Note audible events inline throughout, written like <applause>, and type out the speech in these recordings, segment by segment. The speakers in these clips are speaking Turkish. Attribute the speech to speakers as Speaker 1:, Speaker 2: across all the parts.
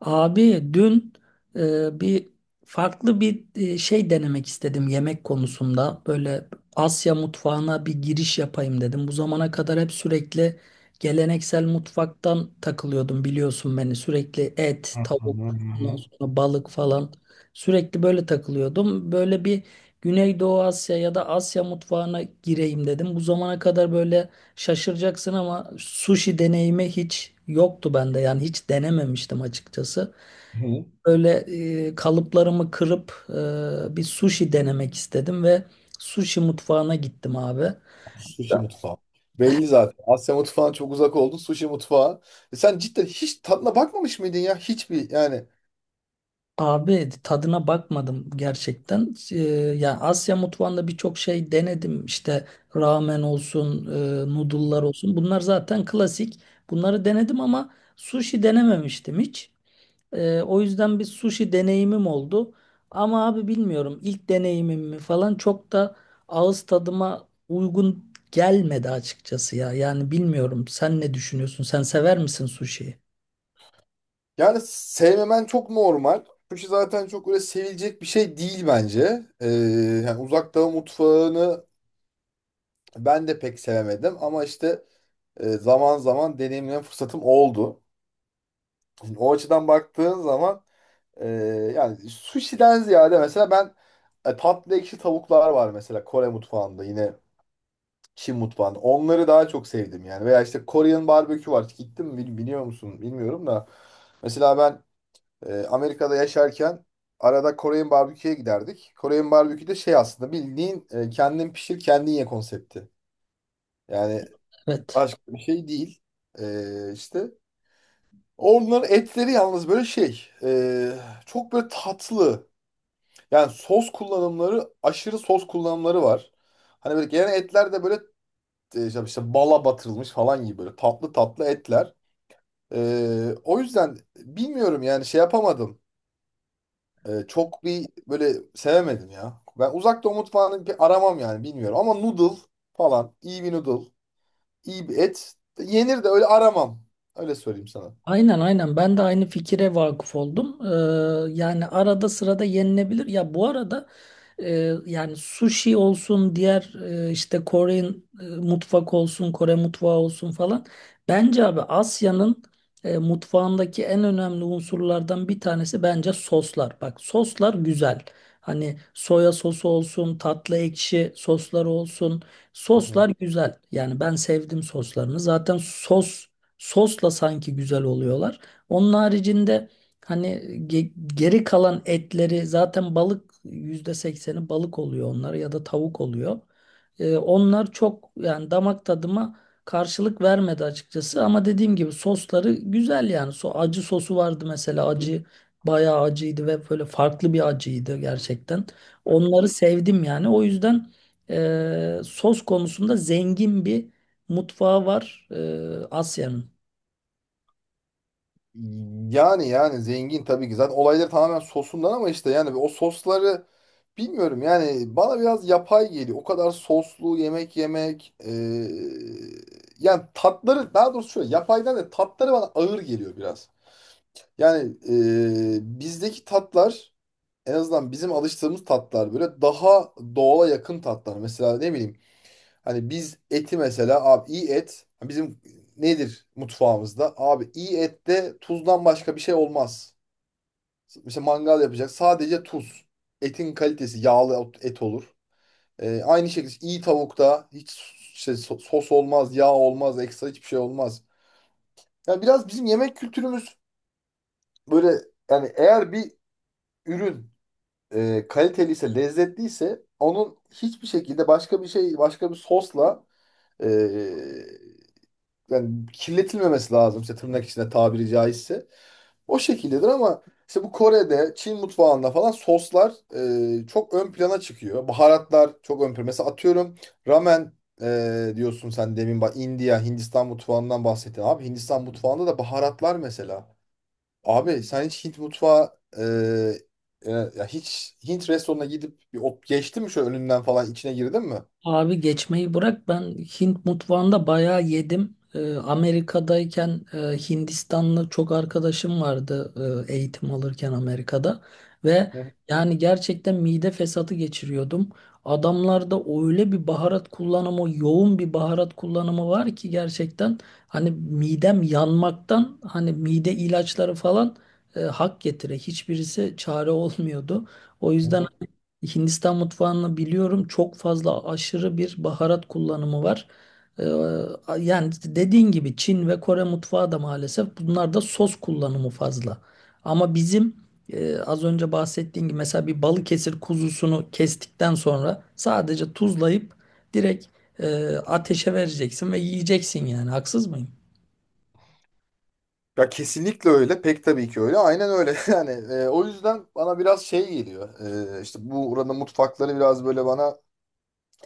Speaker 1: Abi dün e, bir farklı bir şey denemek istedim yemek konusunda. Böyle Asya mutfağına bir giriş yapayım dedim. Bu zamana kadar hep sürekli geleneksel mutfaktan takılıyordum, biliyorsun beni. Sürekli et,
Speaker 2: Hı hı
Speaker 1: tavuk, ondan
Speaker 2: hı.
Speaker 1: sonra balık falan, sürekli böyle takılıyordum. Böyle bir Güneydoğu Asya ya da Asya mutfağına gireyim dedim. Bu zamana kadar böyle şaşıracaksın ama sushi deneyimi hiç yoktu bende. Yani hiç denememiştim açıkçası.
Speaker 2: Hı.
Speaker 1: Böyle kalıplarımı kırıp bir sushi denemek istedim ve sushi mutfağına gittim abi.
Speaker 2: Sushi mutfağı. Belli zaten. Asya mutfağına çok uzak oldun. Sushi mutfağı. E sen cidden hiç tadına bakmamış mıydın ya? Hiçbir yani.
Speaker 1: Abi tadına bakmadım gerçekten. Ya Asya mutfağında birçok şey denedim. İşte ramen olsun, noodle'lar olsun. Bunlar zaten klasik. Bunları denedim ama sushi denememiştim hiç. O yüzden bir sushi deneyimim oldu. Ama abi bilmiyorum, ilk deneyimim mi falan, çok da ağız tadıma uygun gelmedi açıkçası ya. Yani bilmiyorum, sen ne düşünüyorsun? Sen sever misin sushi'yi?
Speaker 2: Yani sevmemen çok normal. Sushi zaten çok öyle sevilecek bir şey değil bence. Yani uzak doğu mutfağını ben de pek sevemedim. Ama işte zaman zaman deneyimleme fırsatım oldu. Şimdi o açıdan baktığın zaman e, yani sushi'den ziyade mesela ben tatlı ekşi tavuklar var mesela Kore mutfağında yine Çin mutfağında. Onları daha çok sevdim yani. Veya işte Korean barbekü var. Biliyor musun bilmiyorum da. Mesela ben Amerika'da yaşarken arada Korean barbeküye giderdik. Korean barbekü de şey aslında bildiğin kendin pişir kendin ye konsepti. Yani
Speaker 1: Evet.
Speaker 2: başka bir şey değil. İşte onların etleri yalnız böyle çok böyle tatlı. Yani sos kullanımları aşırı sos kullanımları var. Hani böyle gelen etler de böyle, işte bala batırılmış falan gibi böyle tatlı tatlı etler. O yüzden bilmiyorum yani şey yapamadım. Çok bir böyle sevemedim ya. Ben uzak doğu mutfağını bir aramam yani bilmiyorum. Ama noodle falan iyi bir noodle, iyi bir et yenir de öyle aramam. Öyle söyleyeyim sana.
Speaker 1: Aynen, aynen, ben de aynı fikire vakıf oldum. Yani arada sırada yenilebilir. Ya bu arada yani sushi olsun, diğer işte Kore mutfak olsun Kore mutfağı olsun falan. Bence abi Asya'nın mutfağındaki en önemli unsurlardan bir tanesi bence soslar. Bak soslar güzel. Hani soya sosu olsun, tatlı ekşi sosları olsun.
Speaker 2: Hı.
Speaker 1: Soslar güzel. Yani ben sevdim soslarını. Zaten sosla sanki güzel oluyorlar. Onun haricinde hani geri kalan etleri, zaten balık, %80'i balık oluyor onlar ya da tavuk oluyor. Onlar çok yani damak tadıma karşılık vermedi açıkçası, ama dediğim gibi sosları güzel yani. So acı sosu vardı mesela, acı bayağı acıydı ve böyle farklı bir acıydı gerçekten. Onları sevdim yani. O yüzden sos konusunda zengin bir mutfağı var Asya'nın.
Speaker 2: Yani yani zengin tabii ki. Zaten olayları tamamen sosundan ama işte yani o sosları bilmiyorum yani bana biraz yapay geliyor. O kadar soslu yemek yemek e, Yani tatları daha doğrusu şöyle yapaydan da tatları bana ağır geliyor biraz. Yani bizdeki tatlar en azından bizim alıştığımız tatlar böyle daha doğala yakın tatlar. Mesela ne bileyim. Hani biz eti mesela abi iyi et hani bizim nedir mutfağımızda? Abi iyi ette tuzdan başka bir şey olmaz. İşte mangal yapacak sadece tuz. Etin kalitesi yağlı et olur. Aynı şekilde işte iyi tavukta hiç sos olmaz, yağ olmaz, ekstra hiçbir şey olmaz. Yani biraz bizim yemek kültürümüz böyle yani eğer bir ürün kaliteliyse, lezzetliyse onun hiçbir şekilde başka bir şey, başka bir sosla e, yani kirletilmemesi lazım işte tırnak içinde tabiri caizse. O şekildedir ama işte bu Kore'de, Çin mutfağında falan soslar çok ön plana çıkıyor. Baharatlar çok ön plana. Mesela atıyorum ramen, diyorsun sen demin bak India, Hindistan mutfağından bahsettin. Abi Hindistan mutfağında da baharatlar mesela. Abi sen hiç Hint mutfağı e, e, ya hiç Hint restoranına gidip bir ot geçti mi şöyle önünden falan içine girdin mi?
Speaker 1: Abi geçmeyi bırak, ben Hint mutfağında bayağı yedim. Amerika'dayken Hindistanlı çok arkadaşım vardı eğitim alırken Amerika'da, ve
Speaker 2: Hı
Speaker 1: yani gerçekten mide fesatı geçiriyordum. Adamlarda öyle bir baharat kullanımı, yoğun bir baharat kullanımı var ki gerçekten, hani midem yanmaktan, hani mide ilaçları falan hak getire, hiçbirisi çare olmuyordu. O yüzden
Speaker 2: hı.
Speaker 1: Hindistan mutfağını biliyorum. Çok fazla, aşırı bir baharat kullanımı var. Ee, Yani dediğin gibi Çin ve Kore mutfağı da, maalesef bunlarda sos kullanımı fazla. Ama bizim az önce bahsettiğim gibi mesela bir Balıkesir kuzusunu kestikten sonra sadece tuzlayıp direkt ateşe vereceksin ve yiyeceksin yani. Haksız mıyım?
Speaker 2: Ya kesinlikle öyle. Pek tabii ki öyle. Aynen öyle. <laughs> Yani o yüzden bana biraz şey geliyor. İşte bu oranın mutfakları biraz böyle bana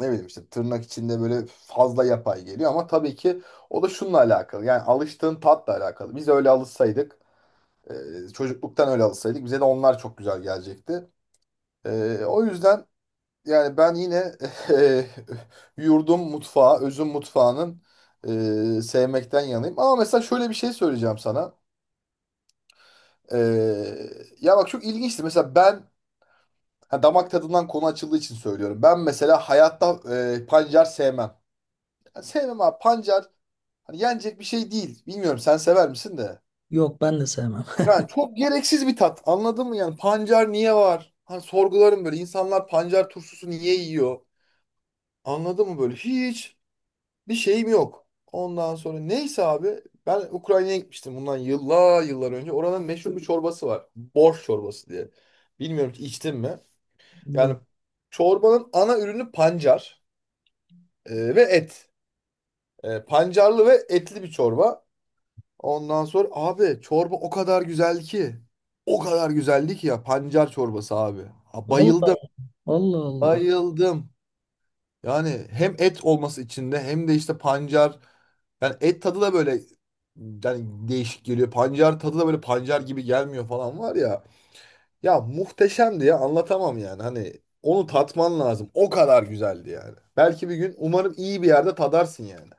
Speaker 2: ne bileyim işte tırnak içinde böyle fazla yapay geliyor ama tabii ki o da şununla alakalı. Yani alıştığın tatla alakalı. Biz öyle alışsaydık, e, Çocukluktan öyle alışsaydık bize de onlar çok güzel gelecekti. O yüzden yani ben yine <laughs> e, yurdum mutfağı, özüm mutfağının e, sevmekten yanayım. Ama mesela şöyle bir şey söyleyeceğim sana. Ee, Ya bak çok ilginçtir. Mesela ben ha, damak tadından konu açıldığı için söylüyorum. Ben mesela hayatta pancar sevmem. Yani sevmem abi pancar hani yenecek bir şey değil. Bilmiyorum sen sever misin de.
Speaker 1: Yok, ben de sevmem.
Speaker 2: Yani çok gereksiz bir tat. Anladın mı yani pancar niye var? Hani sorgularım böyle insanlar pancar turşusu niye yiyor? Anladın mı böyle? Hiç bir şeyim yok. Ondan sonra neyse abi ben Ukrayna'ya gitmiştim bundan yıllar yıllar önce. Oranın meşhur bir çorbası var. Borş çorbası diye. Bilmiyorum ki içtin mi?
Speaker 1: <laughs>
Speaker 2: Yani
Speaker 1: Yok.
Speaker 2: çorbanın ana ürünü pancar ve et. E, pancarlı ve etli bir çorba. Ondan sonra abi çorba o kadar güzel ki. O kadar güzeldi ki ya pancar çorbası abi. Ha,
Speaker 1: Allah
Speaker 2: bayıldım,
Speaker 1: Allah Allah.
Speaker 2: bayıldım. Yani hem et olması içinde hem de işte pancar. Yani et tadı da böyle yani değişik geliyor. Pancar tadı da böyle pancar gibi gelmiyor falan var ya. Ya muhteşemdi ya anlatamam yani. Hani onu tatman lazım. O kadar güzeldi yani. Belki bir gün umarım iyi bir yerde tadarsın yani.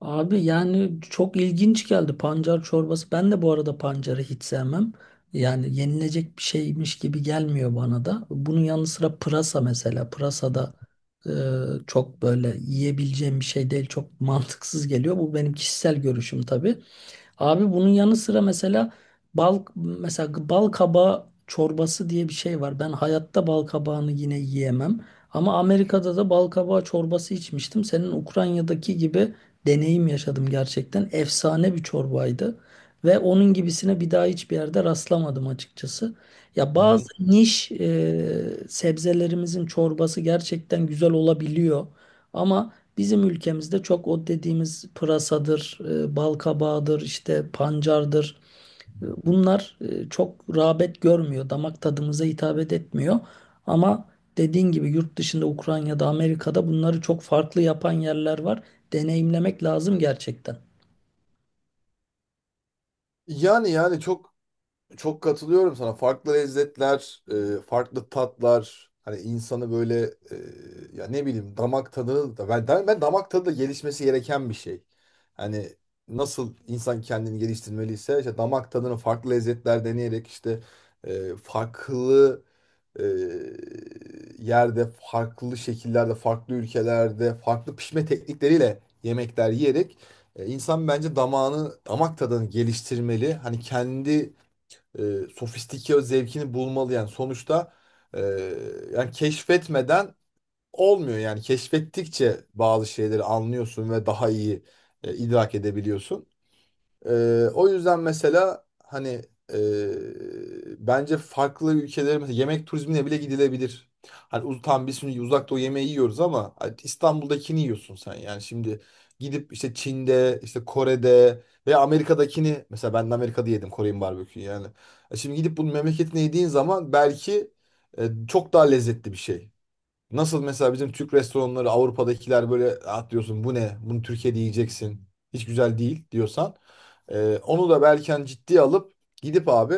Speaker 1: Abi yani çok ilginç geldi pancar çorbası. Ben de bu arada pancarı hiç sevmem. Yani yenilecek bir şeymiş gibi gelmiyor bana da. Bunun yanı sıra pırasa mesela. Pırasa da çok böyle yiyebileceğim bir şey değil. Çok <laughs> mantıksız geliyor. Bu benim kişisel görüşüm tabii. Abi bunun yanı sıra mesela bal kabağı çorbası diye bir şey var. Ben hayatta bal kabağını yine yiyemem. Ama Amerika'da da bal kabağı çorbası içmiştim. Senin Ukrayna'daki gibi deneyim yaşadım gerçekten. Efsane bir çorbaydı. Ve onun gibisine bir daha hiçbir yerde rastlamadım açıkçası. Ya
Speaker 2: Hı hı.
Speaker 1: bazı niş sebzelerimizin çorbası gerçekten güzel olabiliyor. Ama bizim ülkemizde çok o dediğimiz pırasadır, balkabağıdır, işte pancardır. Bunlar çok rağbet görmüyor, damak tadımıza hitap etmiyor. Ama dediğin gibi yurt dışında, Ukrayna'da, Amerika'da bunları çok farklı yapan yerler var. Deneyimlemek lazım gerçekten.
Speaker 2: Yani yani çok katılıyorum sana. Farklı lezzetler, farklı tatlar, hani insanı böyle e, ya ne bileyim damak tadını da ben, damak tadı da gelişmesi gereken bir şey. Hani nasıl insan kendini geliştirmeliyse işte damak tadını farklı lezzetler deneyerek işte, farklı e, yerde, farklı şekillerde, farklı ülkelerde, farklı pişme teknikleriyle yemekler yiyerek, insan bence damağını, damak tadını geliştirmeli. Hani kendi e, sofistike zevkini bulmalı yani sonuçta e, yani keşfetmeden olmuyor yani keşfettikçe bazı şeyleri anlıyorsun ve daha iyi idrak edebiliyorsun. O yüzden mesela hani bence farklı ülkelere mesela yemek turizmine bile gidilebilir. Hani uz tam biz şimdi uzak doğu yemeği yiyoruz ama hani İstanbul'dakini yiyorsun sen. Yani şimdi gidip işte Çin'de, işte Kore'de veya Amerika'dakini mesela ben de Amerika'da yedim Korean barbeküyü yani. E, şimdi gidip bunun memleketine yediğin zaman belki çok daha lezzetli bir şey. Nasıl mesela bizim Türk restoranları Avrupa'dakiler böyle atlıyorsun bu ne? Bunu Türkiye'de yiyeceksin. Hiç güzel değil diyorsan. Onu da Berken ciddiye alıp gidip abi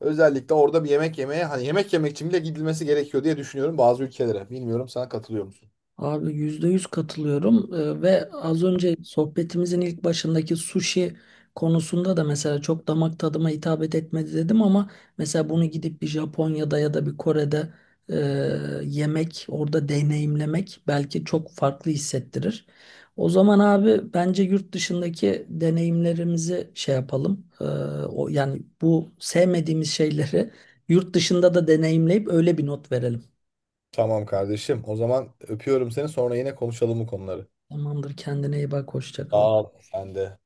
Speaker 2: özellikle orada bir yemek yemeye hani yemek yemek için bile gidilmesi gerekiyor diye düşünüyorum bazı ülkelere. Bilmiyorum sana katılıyor musun?
Speaker 1: Abi %100 katılıyorum. Ve az önce sohbetimizin ilk başındaki sushi konusunda da mesela çok damak tadıma hitap etmedi dedim, ama mesela bunu gidip bir Japonya'da ya da bir Kore'de e, yemek, orada deneyimlemek belki çok farklı hissettirir. O zaman abi bence yurt dışındaki deneyimlerimizi şey yapalım. O yani bu sevmediğimiz şeyleri yurt dışında da deneyimleyip öyle bir not verelim.
Speaker 2: Tamam kardeşim. O zaman öpüyorum seni. Sonra yine konuşalım bu konuları.
Speaker 1: Tamamdır, kendine iyi bak, hoşça
Speaker 2: Sağ
Speaker 1: kal.
Speaker 2: ol. Sen de.